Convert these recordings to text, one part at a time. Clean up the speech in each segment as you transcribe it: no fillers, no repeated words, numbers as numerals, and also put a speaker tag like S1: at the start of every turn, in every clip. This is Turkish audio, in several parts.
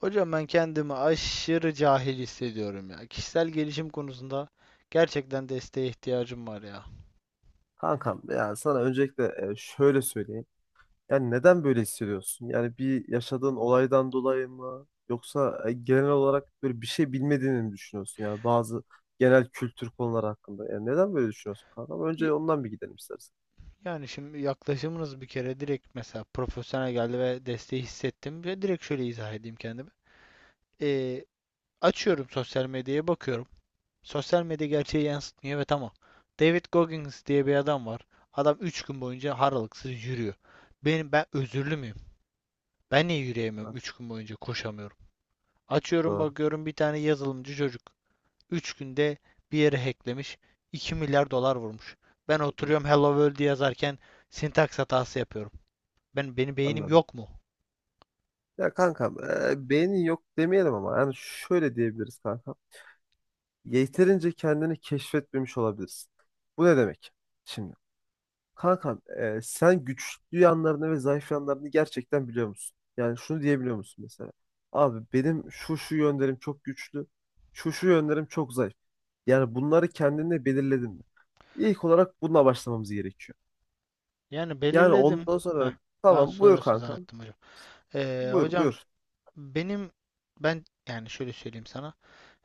S1: Hocam ben kendimi aşırı cahil hissediyorum ya. Kişisel gelişim konusunda gerçekten desteğe ihtiyacım var ya.
S2: Kankam, ya sana öncelikle şöyle söyleyeyim. Yani neden böyle hissediyorsun? Yani bir yaşadığın olaydan dolayı mı? Yoksa genel olarak böyle bir şey bilmediğini mi düşünüyorsun? Yani bazı genel kültür konuları hakkında. Yani neden böyle düşünüyorsun kankam?
S1: Y-
S2: Önce ondan bir gidelim istersen.
S1: Yani şimdi yaklaşımınız bir kere direkt mesela profesyonel geldi ve desteği hissettim ve direkt şöyle izah edeyim kendimi. Ee, Açıyorum sosyal medyaya bakıyorum. Sosyal medya gerçeği yansıtmıyor, evet, ama David Goggins diye bir adam var. Adam 3 gün boyunca haralıksız yürüyor. Ben özürlü müyüm? Ben niye yürüyemiyorum,
S2: Evet,
S1: 3 gün boyunca koşamıyorum? Açıyorum
S2: doğru.
S1: bakıyorum, bir tane yazılımcı çocuk. 3 günde bir yere hacklemiş. 2 milyar dolar vurmuş. Ben
S2: Hı hı.
S1: oturuyorum Hello World yazarken sintaks hatası yapıyorum. Benim beynim
S2: Anladım.
S1: yok mu?
S2: Ya kankam, beynin yok demeyelim ama yani şöyle diyebiliriz kankam. Yeterince kendini keşfetmemiş olabilirsin. Bu ne demek? Şimdi kankam, sen güçlü yanlarını ve zayıf yanlarını gerçekten biliyor musun? Yani şunu diyebiliyor musun mesela? Abi benim şu şu yönlerim çok güçlü, şu şu yönlerim çok zayıf. Yani bunları kendine belirledin mi? İlk olarak bununla başlamamız gerekiyor.
S1: Yani
S2: Yani
S1: belirledim.
S2: ondan
S1: Heh,
S2: sonra
S1: ben
S2: tamam, buyur
S1: soruyorsun
S2: kankam.
S1: zannettim hocam.
S2: Buyur
S1: Hocam
S2: buyur.
S1: benim ben yani şöyle söyleyeyim sana.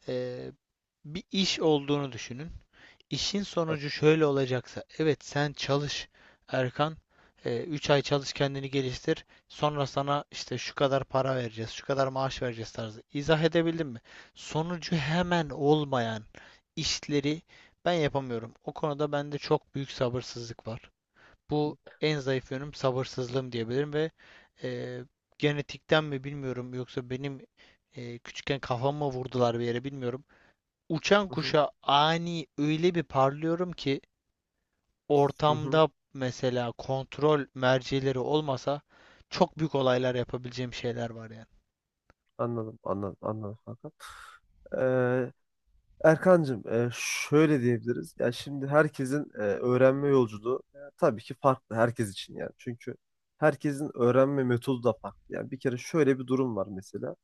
S1: Ee, Bir iş olduğunu düşünün. İşin sonucu
S2: Hadi.
S1: şöyle olacaksa, evet sen çalış Erkan, 3 ay çalış, kendini geliştir, sonra sana işte şu kadar para vereceğiz, şu kadar maaş vereceğiz tarzı. İzah edebildim mi? Sonucu hemen olmayan işleri ben yapamıyorum. O konuda bende çok büyük sabırsızlık var.
S2: Hı
S1: Bu en zayıf yönüm sabırsızlığım diyebilirim ve e, genetikten mi bilmiyorum, yoksa benim küçükken kafama vurdular bir yere bilmiyorum, uçan
S2: hı.
S1: kuşa ani öyle bir parlıyorum ki
S2: Hı hı.
S1: ortamda mesela kontrol mercileri olmasa çok büyük olaylar yapabileceğim şeyler var yani.
S2: Anladım, anladım, anladım kanka. Ee, Erkancığım, şöyle diyebiliriz. Ya şimdi herkesin öğrenme yolculuğu tabii ki farklı herkes için yani. Çünkü herkesin öğrenme metodu da farklı. Yani bir kere şöyle bir durum var mesela.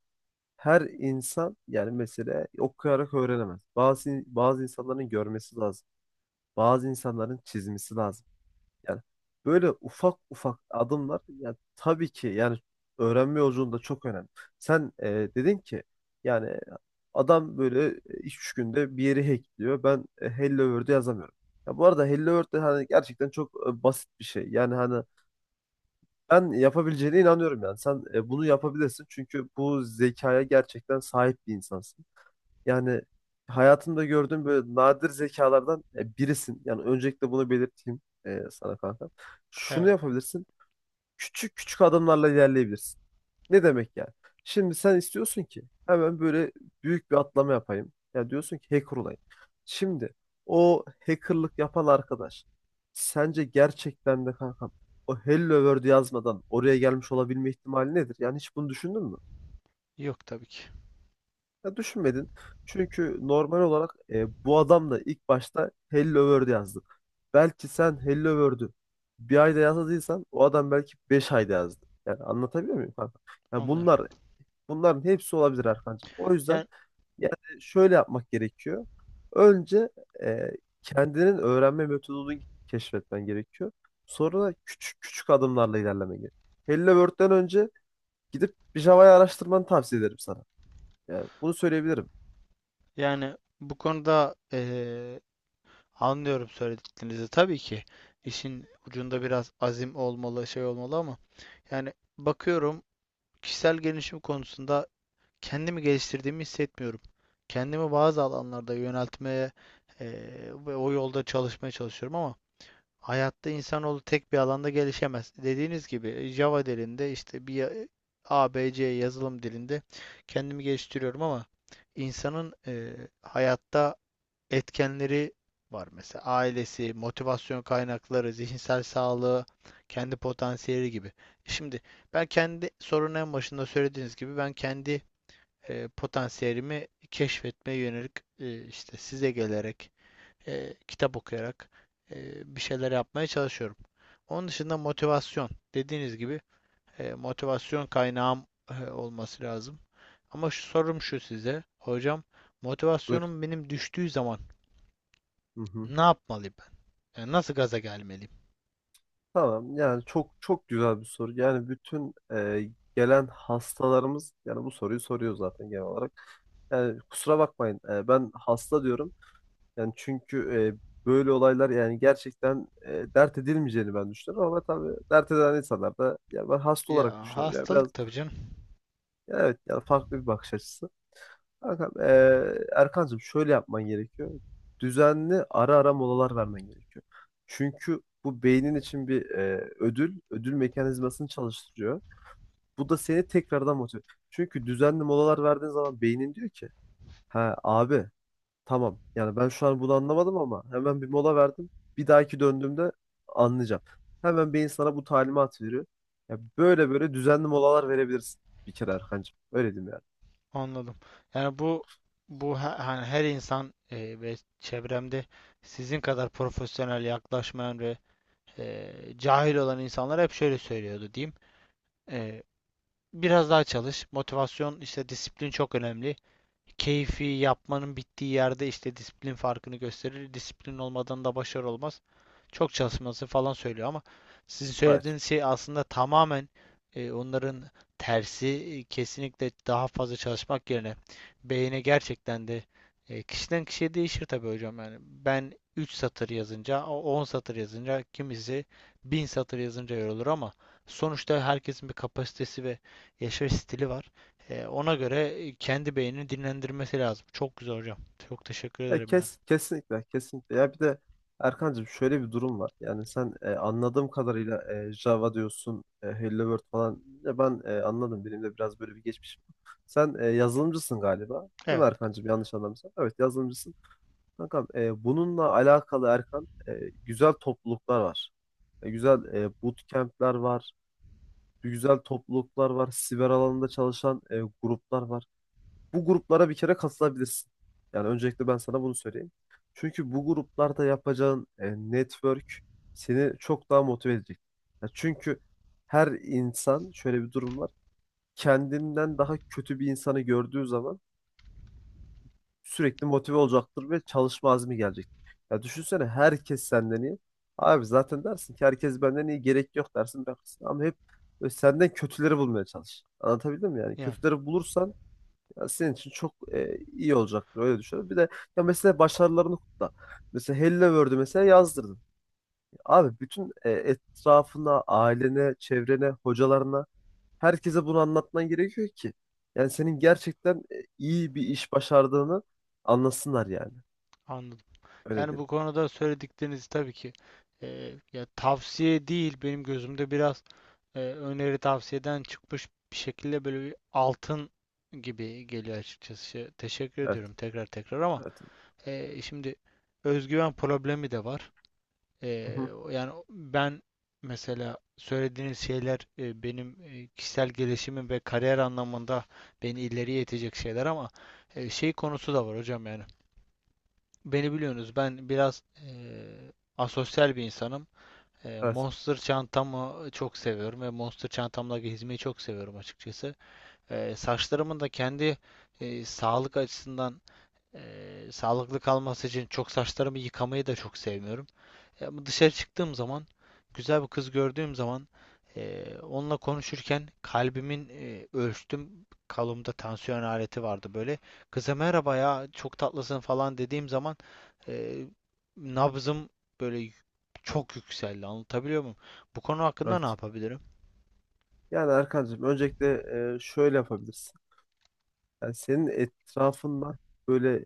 S2: Her insan yani mesela okuyarak öğrenemez. Bazı insanların görmesi lazım. Bazı insanların çizmesi lazım. Yani böyle ufak ufak adımlar yani tabii ki yani öğrenme yolculuğunda çok önemli. Sen dedin ki yani adam böyle iki üç günde bir yeri hackliyor. Ben Hello World'ü yazamıyorum. Ya bu arada Hello World de hani gerçekten çok basit bir şey. Yani hani ben yapabileceğine inanıyorum yani. Sen bunu yapabilirsin çünkü bu zekaya gerçekten sahip bir insansın. Yani hayatımda gördüğüm böyle nadir zekalardan birisin. Yani öncelikle bunu belirteyim sana kanka. Şunu
S1: Evet.
S2: yapabilirsin. Küçük küçük adımlarla ilerleyebilirsin. Ne demek yani? Şimdi sen istiyorsun ki hemen böyle büyük bir atlama yapayım. Ya diyorsun ki hacker olayım. Şimdi o hackerlık yapan arkadaş sence gerçekten de kanka, o Hello World yazmadan oraya gelmiş olabilme ihtimali nedir? Yani hiç bunu düşündün mü?
S1: Yok tabii ki.
S2: Ya düşünmedin. Çünkü normal olarak bu adam da ilk başta Hello World yazdı. Belki sen Hello World'ü bir ayda yazmadıysan o adam belki beş ayda yazdı. Yani anlatabiliyor muyum kanka? Ya
S1: Anlıyorum.
S2: bunların hepsi olabilir Erkancığım. O yüzden
S1: Yani
S2: yani şöyle yapmak gerekiyor. Önce e, kendinin öğrenme metodunu keşfetmen gerekiyor. Sonra da küçük küçük adımlarla ilerlemen gerekiyor. Hello World'den önce gidip bir Java'yı araştırmanı tavsiye ederim sana. Yani bunu söyleyebilirim.
S1: Yani bu konuda anlıyorum söylediklerinizi. Tabii ki işin ucunda biraz azim olmalı, şey olmalı ama yani bakıyorum, kişisel gelişim konusunda kendimi geliştirdiğimi hissetmiyorum. Kendimi bazı alanlarda yöneltmeye ve o yolda çalışmaya çalışıyorum ama hayatta insanoğlu tek bir alanda gelişemez. Dediğiniz gibi Java dilinde işte A B C yazılım dilinde kendimi geliştiriyorum ama insanın hayatta etkenleri var. Mesela ailesi, motivasyon kaynakları, zihinsel sağlığı, kendi potansiyeli gibi. Şimdi ben kendi sorunun en başında söylediğiniz gibi ben kendi potansiyelimi keşfetmeye yönelik, işte size gelerek, kitap okuyarak, e, bir şeyler yapmaya çalışıyorum. Onun dışında motivasyon. Dediğiniz gibi motivasyon kaynağım olması lazım. Ama şu sorum şu size. Hocam
S2: Buyur.
S1: motivasyonum benim düştüğü zaman
S2: Hı hı.
S1: ne yapmalıyım ben? Yani nasıl gaza gelmeliyim?
S2: Tamam, yani çok çok güzel bir soru. Yani bütün gelen hastalarımız yani bu soruyu soruyor zaten genel olarak. Yani kusura bakmayın, ben hasta diyorum. Yani çünkü böyle olaylar yani gerçekten dert edilmeyeceğini ben düşünüyorum ama tabii dert eden insanlar da yani ben hasta olarak
S1: Ya
S2: düşünüyorum. Yani biraz
S1: hastalık tabii canım.
S2: evet yani farklı bir bakış açısı. Kankam, Erkancığım şöyle yapman gerekiyor. Düzenli ara ara molalar vermen gerekiyor. Çünkü bu beynin için bir ödül mekanizmasını çalıştırıyor. Bu da seni tekrardan motive. Çünkü düzenli molalar verdiğin zaman beynin diyor ki, ha abi, tamam yani ben şu an bunu anlamadım ama hemen bir mola verdim. Bir dahaki döndüğümde anlayacağım. Hemen beyin sana bu talimat veriyor. Ya böyle böyle düzenli molalar verebilirsin bir kere Erkancığım. Öyle diyeyim yani.
S1: Anladım. Yani bu hani her insan ve çevremde sizin kadar profesyonel yaklaşmayan ve e, cahil olan insanlar hep şöyle söylüyordu diyeyim. E, Biraz daha çalış. Motivasyon, işte disiplin çok önemli. Keyfi yapmanın bittiği yerde işte disiplin farkını gösterir. Disiplin olmadan da başarı olmaz. Çok çalışması falan söylüyor ama sizin
S2: Evet.
S1: söylediğiniz şey aslında tamamen onların tersi. Kesinlikle daha fazla çalışmak yerine beyine gerçekten de kişiden kişiye değişir tabii hocam yani. Ben 3 satır yazınca, 10 satır yazınca, kimisi 1.000 satır yazınca yorulur ama sonuçta herkesin bir kapasitesi ve yaşayış stili var. Ona göre kendi beynini dinlendirmesi lazım. Çok güzel hocam. Çok teşekkür
S2: Ya
S1: ederim yani.
S2: kesinlikle, kesinlikle. Ya bir de Erkancığım şöyle bir durum var. Yani sen anladığım kadarıyla Java diyorsun, Hello World falan. Ya ben anladım. Benim de biraz böyle bir geçmişim var. Sen yazılımcısın galiba. Değil mi
S1: Evet,
S2: Erkancığım? Yanlış anlamıyorsam. Evet, yazılımcısın. Kankam, bununla alakalı Erkan, güzel topluluklar var. Güzel bootcamp'ler var. Güzel topluluklar var. Siber alanında çalışan gruplar var. Bu gruplara bir kere katılabilirsin. Yani öncelikle ben sana bunu söyleyeyim. Çünkü bu gruplarda yapacağın network seni çok daha motive edecek. Ya çünkü her insan şöyle bir durum var. Kendinden daha kötü bir insanı gördüğü zaman sürekli motive olacaktır ve çalışma azmi gelecek. Ya düşünsene herkes senden iyi. Abi zaten dersin ki herkes benden iyi, gerek yok dersin, bakarsın. Ama hep böyle senden kötüleri bulmaya çalış. Anlatabildim mi yani?
S1: yani
S2: Kötüleri bulursan ya senin için çok iyi olacaktır, öyle düşünüyorum. Bir de ya mesela başarılarını kutla. Mesela Hello World'ü mesela yazdırdın. Abi bütün etrafına, ailene, çevrene, hocalarına, herkese bunu anlatman gerekiyor ki yani senin gerçekten iyi bir iş başardığını anlasınlar yani.
S1: anladım.
S2: Öyle
S1: Yani
S2: değil.
S1: bu konuda söyledikleriniz tabii ki ya tavsiye değil benim gözümde, biraz öneri tavsiyeden çıkmış bir şekilde böyle bir altın gibi geliyor açıkçası. Şey, teşekkür
S2: Evet,
S1: ediyorum tekrar tekrar ama
S2: evet.
S1: şimdi özgüven problemi de var.
S2: Hı
S1: Ee,
S2: hı,
S1: Yani ben mesela söylediğiniz şeyler benim kişisel gelişimim ve kariyer anlamında beni ileriye itecek şeyler ama şey konusu da var hocam yani. Beni biliyorsunuz, ben biraz asosyal bir insanım.
S2: evet,
S1: Monster çantamı çok seviyorum ve Monster çantamla gezmeyi çok seviyorum açıkçası. Saçlarımın da kendi sağlık açısından sağlıklı kalması için çok, saçlarımı yıkamayı da çok sevmiyorum. Ya bu dışarı çıktığım zaman, güzel bir kız gördüğüm zaman, onunla konuşurken kalbimin ölçtüm. Kolumda tansiyon aleti vardı böyle. Kıza merhaba ya, çok tatlısın falan dediğim zaman eee, nabzım böyle çok yükseldi. Anlatabiliyor muyum? Bu konu hakkında ne
S2: evet.
S1: yapabilirim?
S2: Yani Erkancığım öncelikle şöyle yapabilirsin. Yani senin etrafında böyle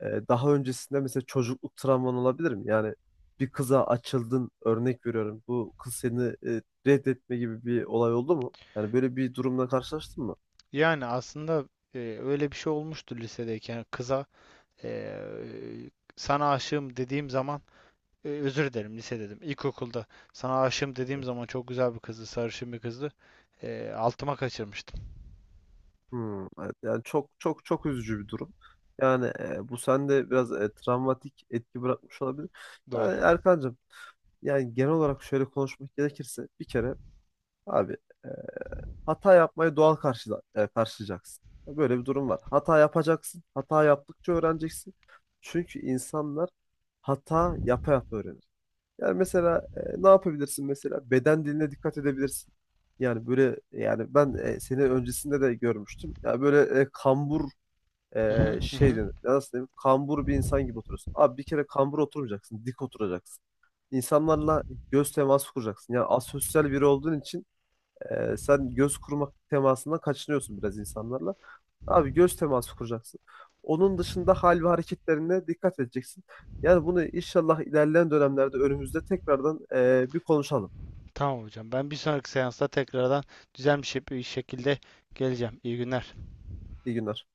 S2: Daha öncesinde mesela çocukluk travman olabilir mi? Yani bir kıza açıldın, örnek veriyorum. Bu kız seni reddetme gibi bir olay oldu mu? Yani böyle bir durumla karşılaştın mı?
S1: Yani aslında öyle bir şey olmuştu, lisedeyken kıza e, sana aşığım dediğim zaman, özür dilerim, lise dedim, İlkokulda sana aşığım dediğim
S2: Evet.
S1: zaman, çok güzel bir kızdı, sarışın bir kızdı. Altıma kaçırmıştım.
S2: Hmm, evet. Yani çok çok çok üzücü bir durum. Yani bu sende biraz travmatik etki bırakmış olabilir.
S1: Doğru.
S2: Yani Erkancığım yani genel olarak şöyle konuşmak gerekirse bir kere abi, hata yapmayı doğal karşılayacaksın. Böyle bir durum var. Hata yapacaksın. Hata yaptıkça öğreneceksin. Çünkü insanlar hata yapa yapa öğrenir. Yani mesela ne yapabilirsin mesela? Beden diline dikkat edebilirsin. Yani böyle yani ben seni öncesinde de görmüştüm. Yani böyle kambur
S1: Hı hı hı
S2: şey
S1: hı.
S2: denir. Ya nasıl diyeyim? Kambur bir insan gibi oturuyorsun. Abi bir kere kambur oturmayacaksın. Dik oturacaksın. İnsanlarla göz teması kuracaksın. Yani asosyal biri olduğun için sen göz kurmak temasından kaçınıyorsun biraz insanlarla. Abi göz teması kuracaksın. Onun dışında hal ve hareketlerine dikkat edeceksin. Yani bunu inşallah ilerleyen dönemlerde önümüzde tekrardan bir konuşalım.
S1: Tamam hocam. Ben bir sonraki seansta tekrardan düzenli bir şekilde geleceğim. İyi günler.
S2: İyi günler.